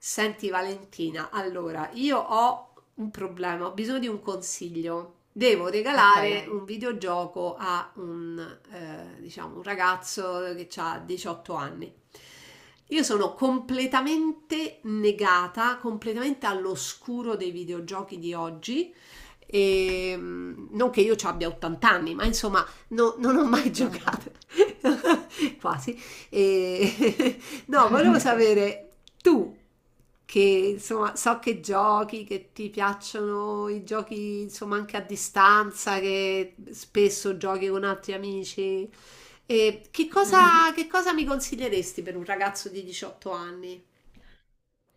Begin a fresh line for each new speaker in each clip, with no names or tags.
Senti Valentina, allora io ho un problema, ho bisogno di un consiglio. Devo
Ok,
regalare, Ok, un videogioco a diciamo, un ragazzo che ha 18 anni. Io sono completamente negata, completamente all'oscuro dei videogiochi di oggi. E, non che io ci abbia 80 anni, ma insomma, non ho mai
insomma.
giocato. Quasi. E, no, volevo
Ok.
sapere, tu che insomma so che giochi, che ti piacciono i giochi insomma anche a distanza, che spesso giochi con altri amici, e che
Mhm.
cosa, che cosa mi consiglieresti per un ragazzo di 18 anni?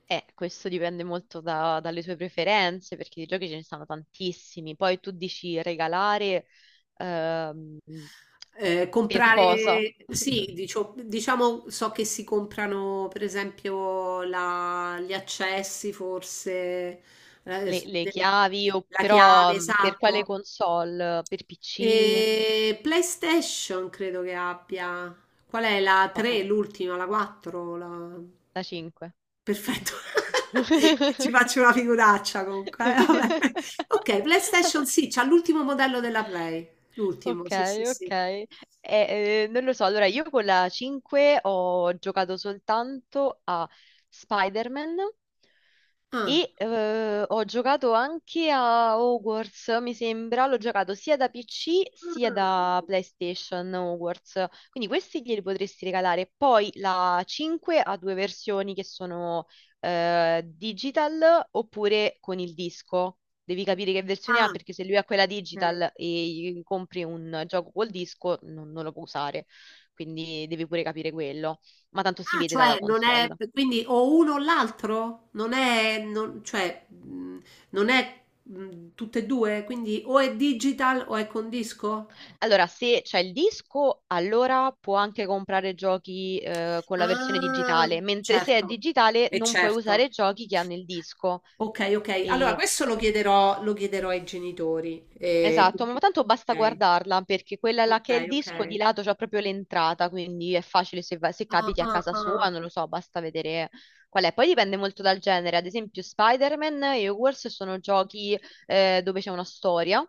Questo dipende molto dalle tue preferenze, perché di giochi ce ne sono tantissimi. Poi tu dici regalare, ehm, per cosa?
Comprare, sì, diciamo, so che si comprano per esempio gli accessi, forse, eh,
Le,
su
le
delle-
chiavi, o
la chiave,
però per quale
esatto.
console? Per PC?
E PlayStation credo che abbia. Qual è la
Oh,
3, l'ultima, la 4? La.
la 5.
Perfetto. Ci faccio una figuraccia comunque. Eh, vabbè. Ok, PlayStation sì, c'ha l'ultimo modello della Play. L'ultimo,
Ok,
sì, sì,
ok.
sì.
Non lo so, allora io con la 5 ho giocato soltanto a Spider-Man
Ah.
e ho giocato anche a Hogwarts, mi sembra, l'ho giocato sia da PC sia da PlayStation Hogwarts, quindi questi glieli potresti regalare. Poi la 5 ha due versioni che sono digital oppure con il disco. Devi capire che versione ha,
Ah,
perché se lui ha quella
ok.
digital e gli compri un gioco col disco non lo può usare, quindi devi pure capire quello, ma tanto si
Ah,
vede dalla
cioè non è
console.
quindi o uno o l'altro? Non è, cioè, non è tutte e due, quindi o è digital o è con disco?
Allora, se c'è il disco, allora può anche comprare giochi con la versione
Ah,
digitale, mentre se è
certo,
digitale
e
non puoi
certo.
usare giochi che hanno il disco.
Ok, ok. Allora,
E
questo lo chiederò ai genitori. eh,
Esatto, ma tanto basta
perché-
guardarla perché quella là
ok,
che è il
ok, ok.
disco di lato c'ha proprio l'entrata, quindi è facile se
Ah,
capiti a
ah,
casa sua,
ah.
non lo so, basta vedere qual è. Poi dipende molto dal genere, ad esempio Spider-Man e Hogwarts sono giochi dove c'è una storia,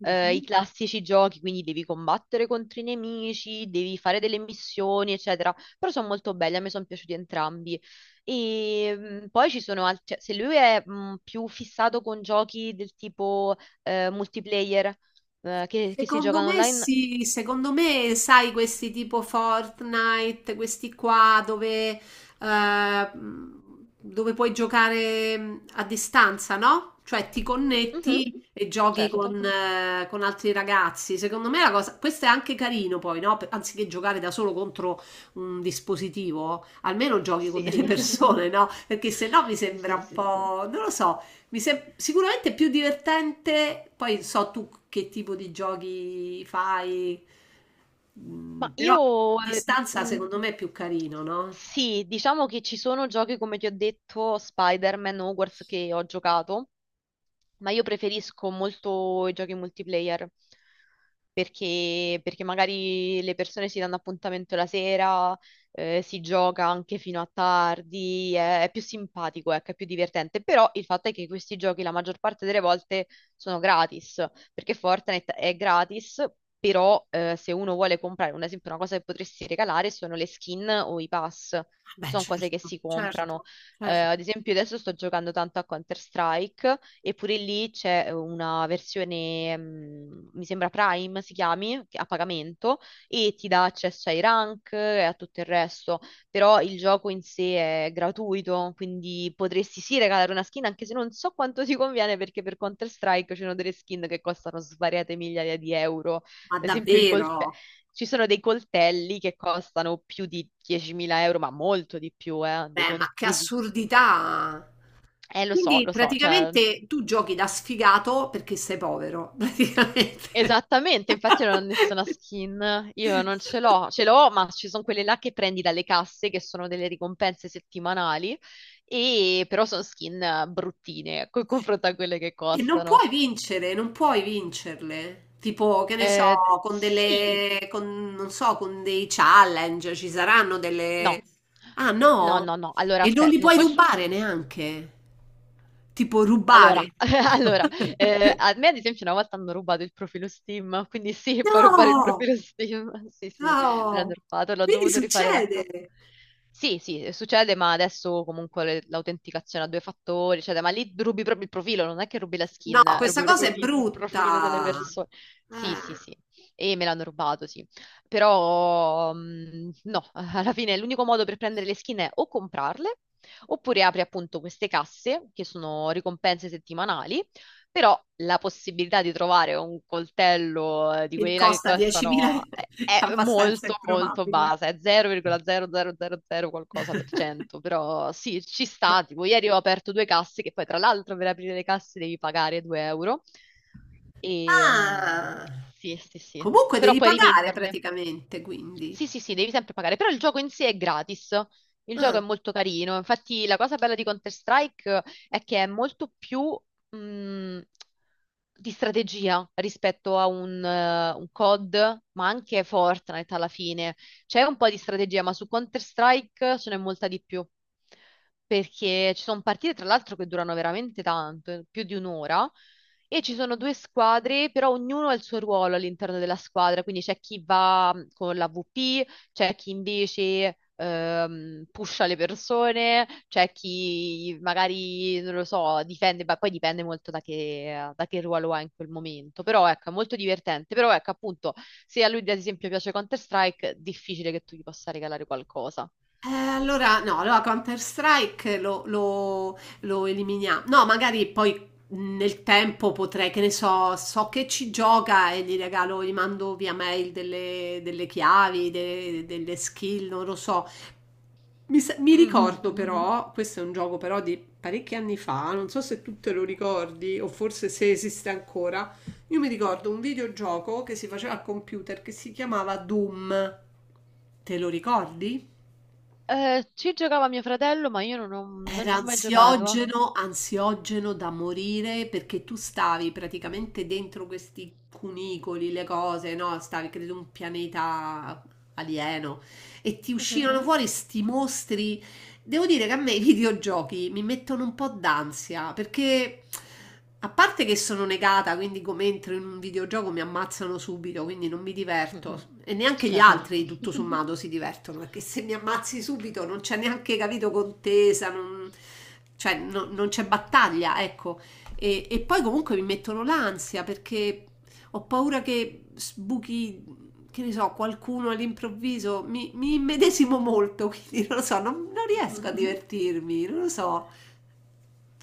i
Mhm.
classici giochi, quindi devi combattere contro i nemici, devi fare delle missioni, eccetera. Però sono molto belli, a me sono piaciuti entrambi. E poi ci sono altri, se lui è più fissato con giochi del tipo multiplayer che si
Secondo
giocano
me
online.
sì, secondo me sai questi tipo Fortnite, questi qua eh, dove puoi giocare a distanza, no? Cioè ti
Mhm,
connetti e giochi con,
certo.
eh, con altri ragazzi. Secondo me la cosa, questo è anche carino poi, no? Anziché giocare da solo contro un dispositivo, almeno giochi con delle,
Sì.
sì, persone, no? Perché se no mi
Sì,
sembra un,
sì,
sì, sì,
sì.
po', non lo so, sicuramente più divertente, poi so tu che tipo di giochi fai,
Ma
però a
io
distanza secondo me è più carino, no?
sì, diciamo che ci sono giochi come ti ho detto, Spider-Man, Hogwarts, che ho giocato, ma io preferisco molto i giochi multiplayer, perché magari le persone si danno appuntamento la sera, si gioca anche fino a tardi, è più simpatico, ecco, è più divertente. Però il fatto è che questi giochi la maggior parte delle volte sono gratis, perché Fortnite è gratis. Però se uno vuole comprare, un esempio, una cosa che potresti regalare sono le skin o i pass,
Beh,
sono cose che
certo,
si
certo,
comprano. Eh,
certo.
ad esempio, adesso sto giocando tanto a Counter-Strike, e pure lì c'è una versione, mi sembra Prime si chiami, a pagamento, e ti dà accesso ai rank e a tutto il resto. Però il gioco in sé è gratuito, quindi potresti sì regalare una skin, anche se non so quanto ti conviene, perché per Counter-Strike ci sono delle skin che costano svariate migliaia di euro. Ad
Ma
esempio, i coltelli,
davvero?
ci sono dei coltelli che costano più di 10.000 euro, ma molto di più,
Beh, ma che assurdità! Quindi
lo so, cioè,
praticamente tu giochi da sfigato perché sei povero, praticamente.
esattamente, infatti io non ho nessuna skin, io non ce l'ho, ce l'ho, ma ci sono quelle là che prendi dalle casse, che sono delle ricompense settimanali, e però sono skin bruttine, con confronto a quelle che
E non
costano.
puoi vincere, non puoi vincerle. Tipo, che ne so, con
Sì,
delle, con, non so, con dei challenge ci saranno delle.
no,
Ah,
no,
no?
no, no, allora
E non
aspetta,
li
no,
puoi
questo.
rubare neanche. Tipo
Allora,
rubare.
allora, a me ad esempio una volta hanno rubato il profilo Steam, quindi sì, puoi rubare il
No!
profilo Steam, sì sì, me
No!
l'hanno rubato, l'ho
Quindi
dovuto rifare da capo.
succede.
Sì, sì, succede, ma adesso comunque l'autenticazione a due fattori, eccetera, ma lì rubi proprio il profilo, non è che rubi la
No,
skin,
questa
rubi
cosa
proprio
è
il profilo delle
brutta.
persone. Sì, sì,
Eh,
sì, e me l'hanno rubato, sì. Però, no, alla fine l'unico modo per prendere le skin è o comprarle, oppure apri appunto queste casse che sono ricompense settimanali, però la possibilità di trovare un coltello di
che
quelli là che
costa 10.000
costano
è
è è
abbastanza
molto molto
improbabile.
bassa, è 0,0000 qualcosa per cento, però sì, ci
Ma
sta, tipo ieri ho aperto due casse che poi tra l'altro per aprire le casse devi pagare 2 euro e
Ah,
sì, sì, sì,
comunque
però
devi
puoi
pagare
rivenderle.
praticamente,
Sì,
quindi.
sì, sì, devi sempre pagare, però il gioco in sé è gratis, il gioco
Ah,
è molto carino, infatti la cosa bella di Counter-Strike è che è molto più mh, di strategia rispetto a un COD, ma anche Fortnite alla fine. C'è un po' di strategia, ma su Counter-Strike ce n'è molta di più, perché ci sono partite tra l'altro che durano veramente tanto, più di un'ora, e ci sono due squadre, però ognuno ha il suo ruolo all'interno della squadra, quindi c'è chi va con l'AVP, c'è chi invece pusha le persone, c'è chi magari, non lo so, difende, ma poi dipende molto da che ruolo ha in quel momento. Però ecco, è molto divertente. Però ecco, appunto, se a lui ad esempio piace Counter-Strike, difficile che tu gli possa regalare qualcosa.
allora no, allora Counter-Strike lo eliminiamo. No, magari poi nel tempo potrei, che ne so, so che ci gioca e gli regalo, gli mando via mail delle chiavi, delle skill, non lo so. Mi
Mm,
ricordo
mhm.
però, questo è un gioco però di parecchi anni fa, non so se tu te lo ricordi o forse se esiste ancora. Io mi ricordo un videogioco che si faceva al computer che si chiamava Doom. Te lo ricordi?
Ci giocava mio fratello, ma io non
Era
ci ho mai giocato.
ansiogeno, ansiogeno da morire perché tu stavi praticamente dentro questi cunicoli, le cose, no? Stavi, credo, un pianeta alieno e ti
Mhm,
uscivano fuori sti mostri. Devo dire che a me i videogiochi mi mettono un po' d'ansia perché a parte che sono negata, quindi come entro in un videogioco mi ammazzano subito, quindi non mi
mhm,
diverto e neanche gli
certo.
altri tutto sommato si divertono perché se mi ammazzi subito non c'è neanche capito contesa, non, cioè non c'è battaglia, ecco. E poi comunque mi mettono l'ansia perché ho paura che sbuchi, che ne so, qualcuno all'improvviso, mi immedesimo molto, quindi non lo so, non riesco a
Mhm.
divertirmi, non lo so,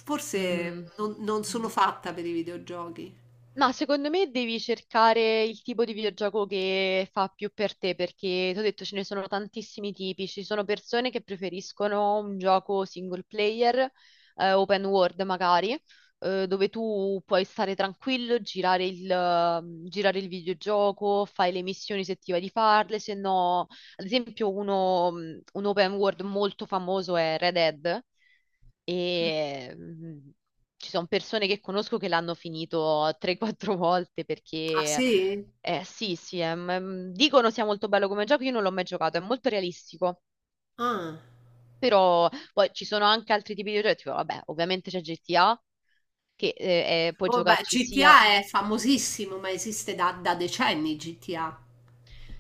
forse non
Mm.
sono fatta per i videogiochi.
Ma secondo me devi cercare il tipo di videogioco che fa più per te, perché ti ho detto ce ne sono tantissimi tipi. Ci sono persone che preferiscono un gioco single player, open world magari, dove tu puoi stare tranquillo, girare il, girare il videogioco, fai le missioni se ti va di farle, se no, ad esempio un open world molto famoso è Red Dead. E, ci sono persone che conosco che l'hanno finito 3-4 volte,
Ah
perché
sì?
sì, sì, dicono sia molto bello come gioco, io non l'ho mai giocato, è molto realistico,
Ah,
però poi ci sono anche altri tipi di giochi, tipo, vabbè, ovviamente c'è GTA che puoi
vabbè,
giocarci, sia
GTA è famosissimo, ma esiste da, decenni GTA.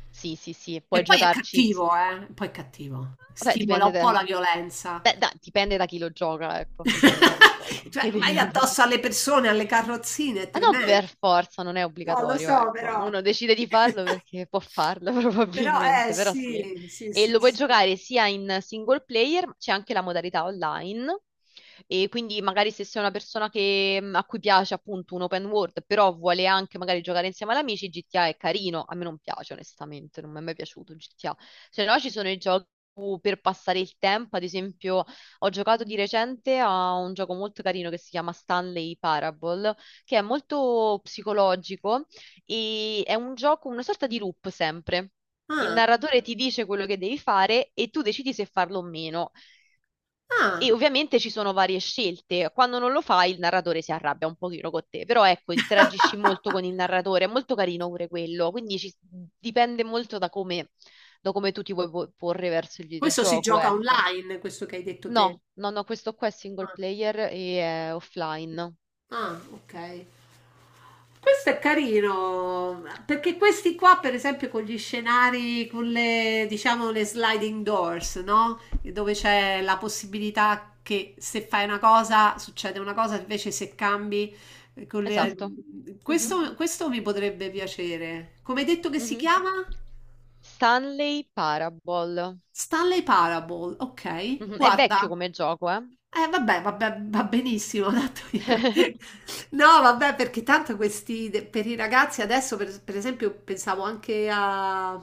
sì, sì, sì, puoi
E poi è
giocarci.
cattivo, eh? Poi è cattivo.
Vabbè,
Stimola
dipende
un
da,
po' la violenza.
beh, dipende da chi lo gioca, ecco, dipende da chi lo gioca, no?
Cioè,
Quindi
vai addosso alle persone, alle carrozzine, è
Ma non
tremendo.
per forza, non è
No, lo
obbligatorio,
so,
ecco.
però.
Uno decide di farlo perché può farlo
Però,
probabilmente, però sì.
sì, sì,
E
sì,
lo puoi
sì.
giocare sia in single player, ma c'è anche la modalità online. E quindi magari se sei una persona a cui piace appunto un open world, però vuole anche magari giocare insieme ad amici, GTA è carino. A me non piace, onestamente, non mi è mai piaciuto GTA. Se no ci sono i giochi per passare il tempo, ad esempio, ho giocato di recente a un gioco molto carino che si chiama Stanley Parable, che è molto psicologico e è un gioco, una sorta di loop sempre. Il
Ah,
narratore ti dice quello che devi fare e tu decidi se farlo o meno. E
ah.
ovviamente ci sono varie scelte. Quando non lo fai, il narratore si arrabbia un pochino con te, però ecco, interagisci molto con il narratore, è molto carino pure quello, quindi dipende molto da come tu ti vuoi porre verso il
Questo si
videogioco,
gioca
ecco.
online, questo che hai detto te.
No, no, no, questo qua è single
Ah,
player e è offline.
ah, ok. Questo è carino, perché questi qua, per esempio, con gli scenari, con le, diciamo, le sliding doors, no? Dove c'è la possibilità che se fai una cosa succede una cosa, invece se cambi, eh, con le-
Esatto. Mhm,
questo mi potrebbe piacere. Come hai detto che si
mhm.
chiama?
Stanley Parable.
Stanley Parable, okay.
Mhm. È vecchio
Guarda,
come gioco, eh?
vabbè, vabbè, va benissimo tanto io. No, vabbè, perché tanto questi de per i ragazzi adesso, per esempio, pensavo anche a,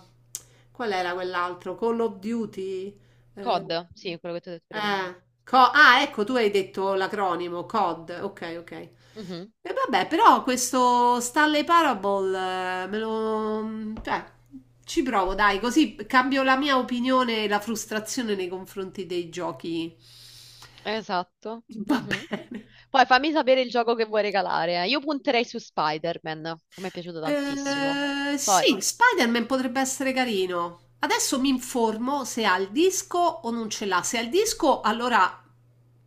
qual era quell'altro? Call of Duty? Ehm,
COD, sì, quello che ti ho detto prima.
co ah ecco tu hai detto l'acronimo COD, okay, okay.
Mhm.
E vabbè, però questo Stanley Parable, me lo. Cioè, ci provo, dai, così cambio la mia opinione e la frustrazione nei confronti dei giochi.
Esatto.
Va
Mhm.
bene.
Poi fammi sapere il gioco che vuoi regalare. Io punterei su Spider-Man, che mi è piaciuto tantissimo. Poi,
Sì, Spider-Man potrebbe essere carino. Adesso mi informo se ha il disco o non ce l'ha. Se ha il disco, allora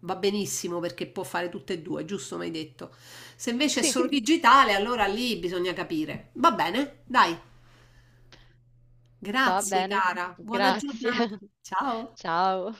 va benissimo perché può fare tutte e due, giusto? Mi hai detto. Se invece è
sì,
solo digitale, allora lì bisogna capire. Va bene, dai.
va
Grazie
bene.
cara, buona
Grazie.
giornata. Ciao.
Ciao.